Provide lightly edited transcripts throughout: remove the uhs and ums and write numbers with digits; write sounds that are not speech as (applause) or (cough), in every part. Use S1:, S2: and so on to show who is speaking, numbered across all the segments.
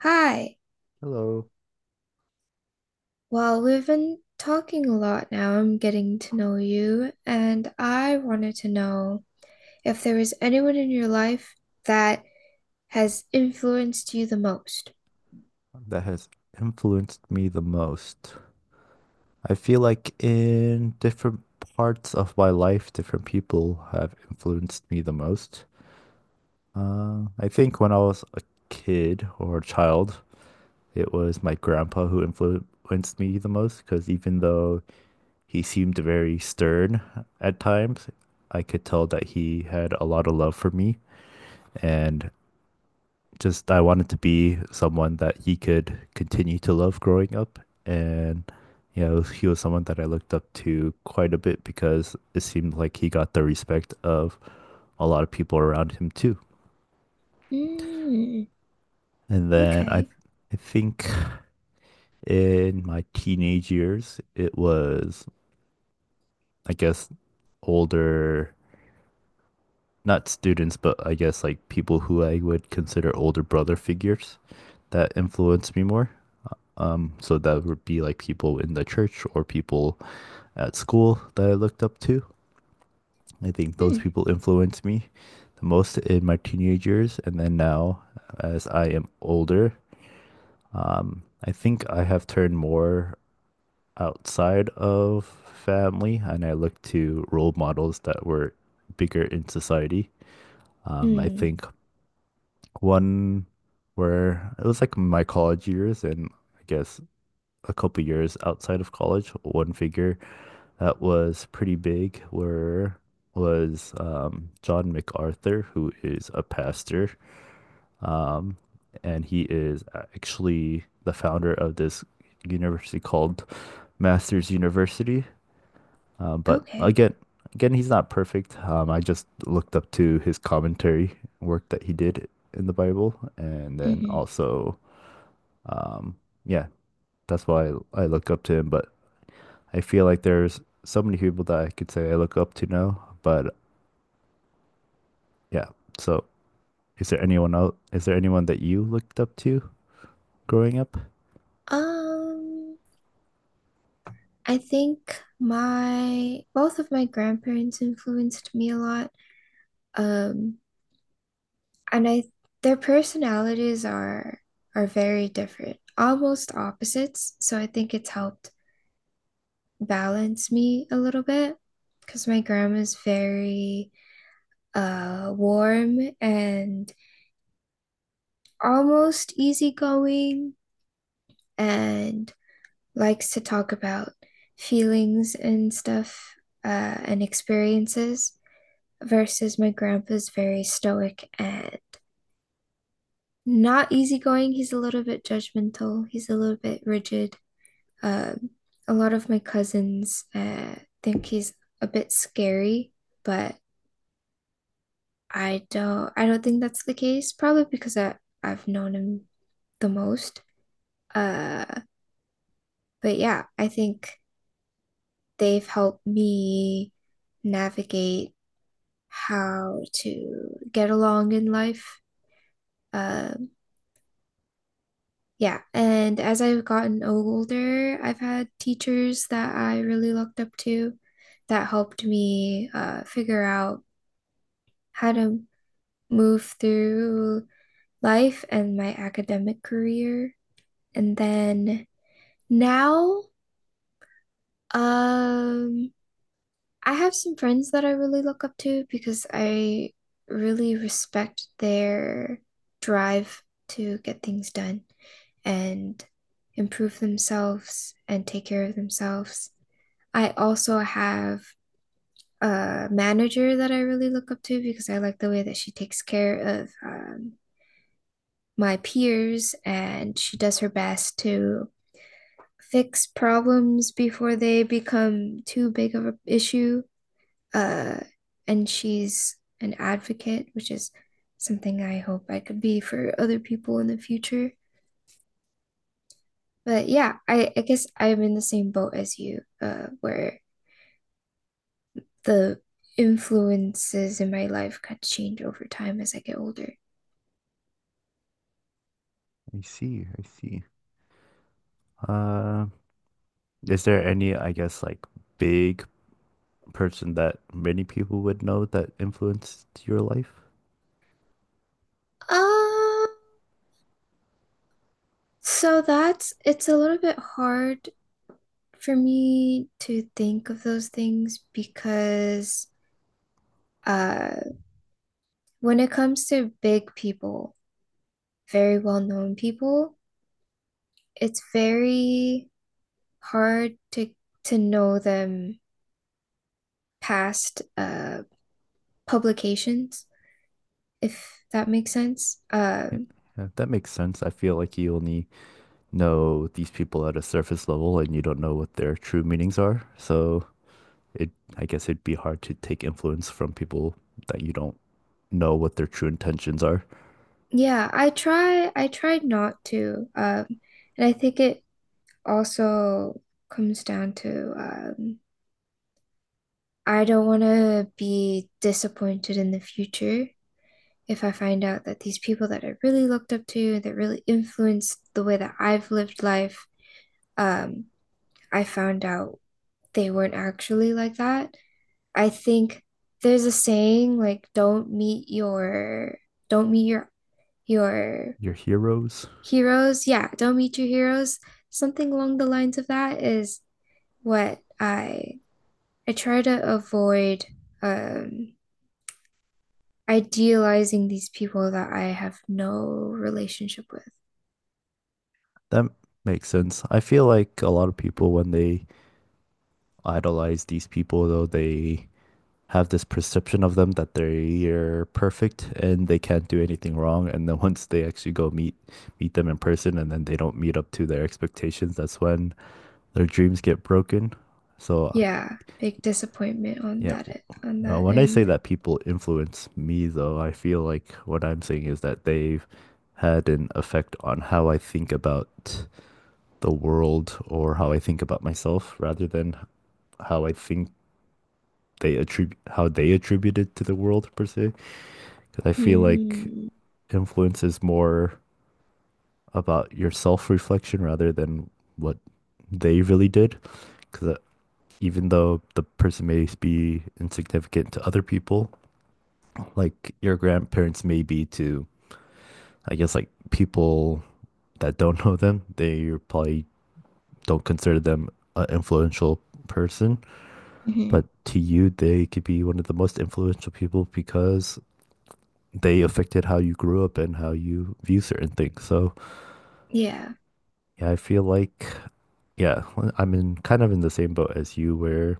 S1: Hi.
S2: Hello.
S1: Well, we've been talking a lot now. I'm getting to know you, and I wanted to know if there was anyone in your life that has influenced you the most.
S2: That has influenced me the most. I feel like in different parts of my life, different people have influenced me the most. I think when I was a kid or a child, it was my grandpa who influenced me the most because even though he seemed very stern at times, I could tell that he had a lot of love for me. And just I wanted to be someone that he could continue to love growing up. And, you know, he was someone that I looked up to quite a bit because it seemed like he got the respect of a lot of people around him too.
S1: Mm,
S2: And then I
S1: okay.
S2: I think in my teenage years, it was, I guess, older, not students, but I guess like people who I would consider older brother figures that influenced me more. So that would be like people in the church or people at school that I looked up to. I think those
S1: Hmm.
S2: people influenced me the most in my teenage years. And then now, as I am older, I think I have turned more outside of family and I look to role models that were bigger in society. I
S1: Mm,
S2: think one where it was like my college years and I guess a couple years outside of college, one figure that was pretty big were was John MacArthur, who is a pastor, um, and he is actually the founder of this university called Masters University. Uh, but
S1: okay.
S2: again, again, he's not perfect. I just looked up to his commentary work that he did in the Bible, and then
S1: Hmm.
S2: also, um, yeah, that's why I look up to him. But I feel like there's so many people that I could say I look up to now, but yeah. So, is there anyone else? Is there anyone that you looked up to growing up?
S1: Um, I think my both of my grandparents influenced me a lot. Um, and I their personalities are very different, almost opposites. So I think it's helped balance me a little bit because my grandma's very warm and almost easygoing and likes to talk about feelings and stuff uh, and experiences. Versus my grandpa's very stoic and not easygoing. He's a little bit judgmental, he's a little bit rigid. Um, a lot of my cousins think he's a bit scary, but I don't think that's the case, probably because I, I've known him the most. Uh, but yeah, I think they've helped me navigate how to get along in life. Uh, Yeah, and as I've gotten older, I've had teachers that I really looked up to that helped me figure out how to move through life and my academic career. And then now, um, I have some friends that I really look up to because I really respect their drive to get things done and improve themselves and take care of themselves. I also have a manager that I really look up to because I like the way that she takes care of my peers and she does her best to fix problems before they become too big of an issue. uh, and she's an advocate, which is something I hope I could be for other people in the future. But yeah, I guess I'm in the same boat as you, where the influences in my life could change over time as I get older.
S2: I see, I see. Uh, is there any, I guess, like big person that many people would know that influenced your life?
S1: Uh, so that's it's a little bit hard for me to think of those things because uh, when it comes to big people, very well known people, it's very hard to know them past publications, if that makes sense.
S2: Yeah, yeah, that makes sense. I feel like you only know these people at a surface level and you don't know what their true meanings are. So it, I guess it'd be hard to take influence from people that you don't know what their true intentions are.
S1: Yeah, I tried not to. And I think it also comes down to I don't want to be disappointed in the future if I find out that these people that I really looked up to, that really influenced the way that I've lived life, um, I found out they weren't actually like that. I think there's a saying like don't meet your
S2: Your heroes.
S1: heroes. Yeah, don't meet your heroes. Something along the lines of that is what I try to avoid um idealizing these people that I have no relationship with.
S2: That makes sense. I feel like a lot of people when they idolize these people though they have this perception of them that they're perfect and they can't do anything wrong, and then (laughs) once they actually go meet them in person and then they don't meet up to their expectations, that's when their dreams get broken, so
S1: Yeah, big disappointment
S2: yeah.
S1: on that
S2: When I say
S1: end.
S2: that people influence me though, I feel like what I'm saying is that they've had an effect on how I think about the world or how I think about myself rather than how I think they attribute how they attribute it to the world per se. Because I feel like
S1: Mm-hmm.
S2: influence is more about your self-reflection rather than what they really did. Because even though the person may be insignificant to other people, like your grandparents may be to, I guess, like people that don't know them, they probably don't consider them an influential person.
S1: Mm-hmm.
S2: But to you, they could be one of the most influential people because they affected how you grew up and how you view certain things. So,
S1: Yeah.
S2: yeah, I feel like, yeah, I'm in kind of in the same boat as you where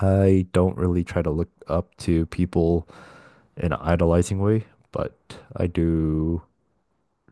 S2: I don't really try to look up to people in an idolizing way, but I do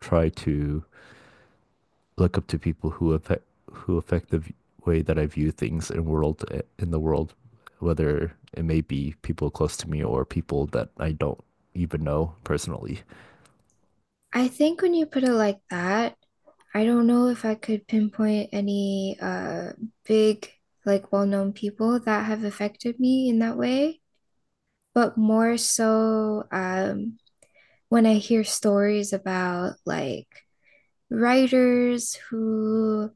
S2: try to look up to people who affect the way that I view things in the world, whether it may be people close to me or people that I don't even know personally.
S1: I think when you put it like that, I don't know if I could pinpoint any big like well-known people that have affected me in that way, but more so when I hear stories about like writers who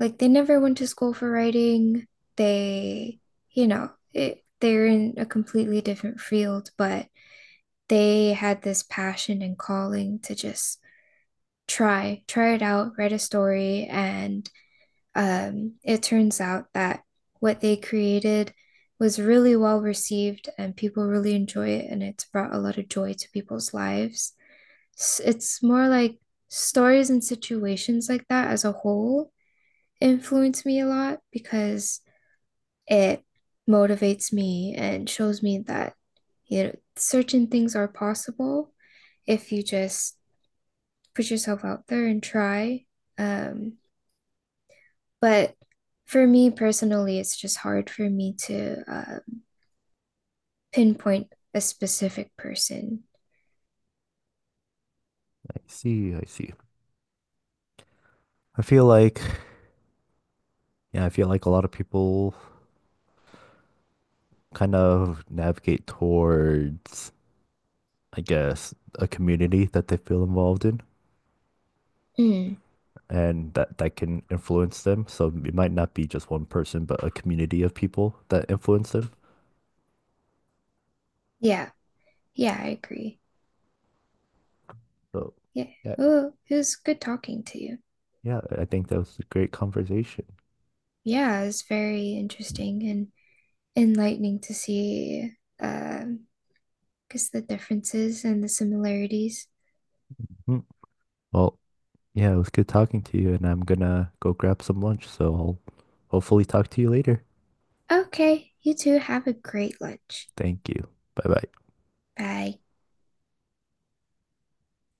S1: like they never went to school for writing. They, you know, they're in a completely different field, but they had this passion and calling to just try it out, write a story and it turns out that what they created was really well received and people really enjoy it and it's brought a lot of joy to people's lives. It's more like stories and situations like that as a whole influence me a lot because it motivates me and shows me that you know certain things are possible if you just put yourself out there and try. Um, But for me personally, it's just hard for me to pinpoint a specific person.
S2: I see, I see. I feel like yeah, I feel like a lot of people kind of navigate towards, I guess, a community that they feel involved in,
S1: Mm,
S2: and that that can influence them. So it might not be just one person, but a community of people that influence them.
S1: yeah, yeah, I agree.
S2: So
S1: Yeah.
S2: yeah.
S1: Oh, it was good talking to you.
S2: Yeah, I think that was a great conversation.
S1: Yeah, it's very interesting and enlightening to see um, because the differences and the similarities.
S2: Mhm. Well, yeah, it was good talking to you, and I'm gonna go grab some lunch, so I'll hopefully talk to you later.
S1: Okay, you two have a great lunch.
S2: Thank you. Bye bye.
S1: Bye.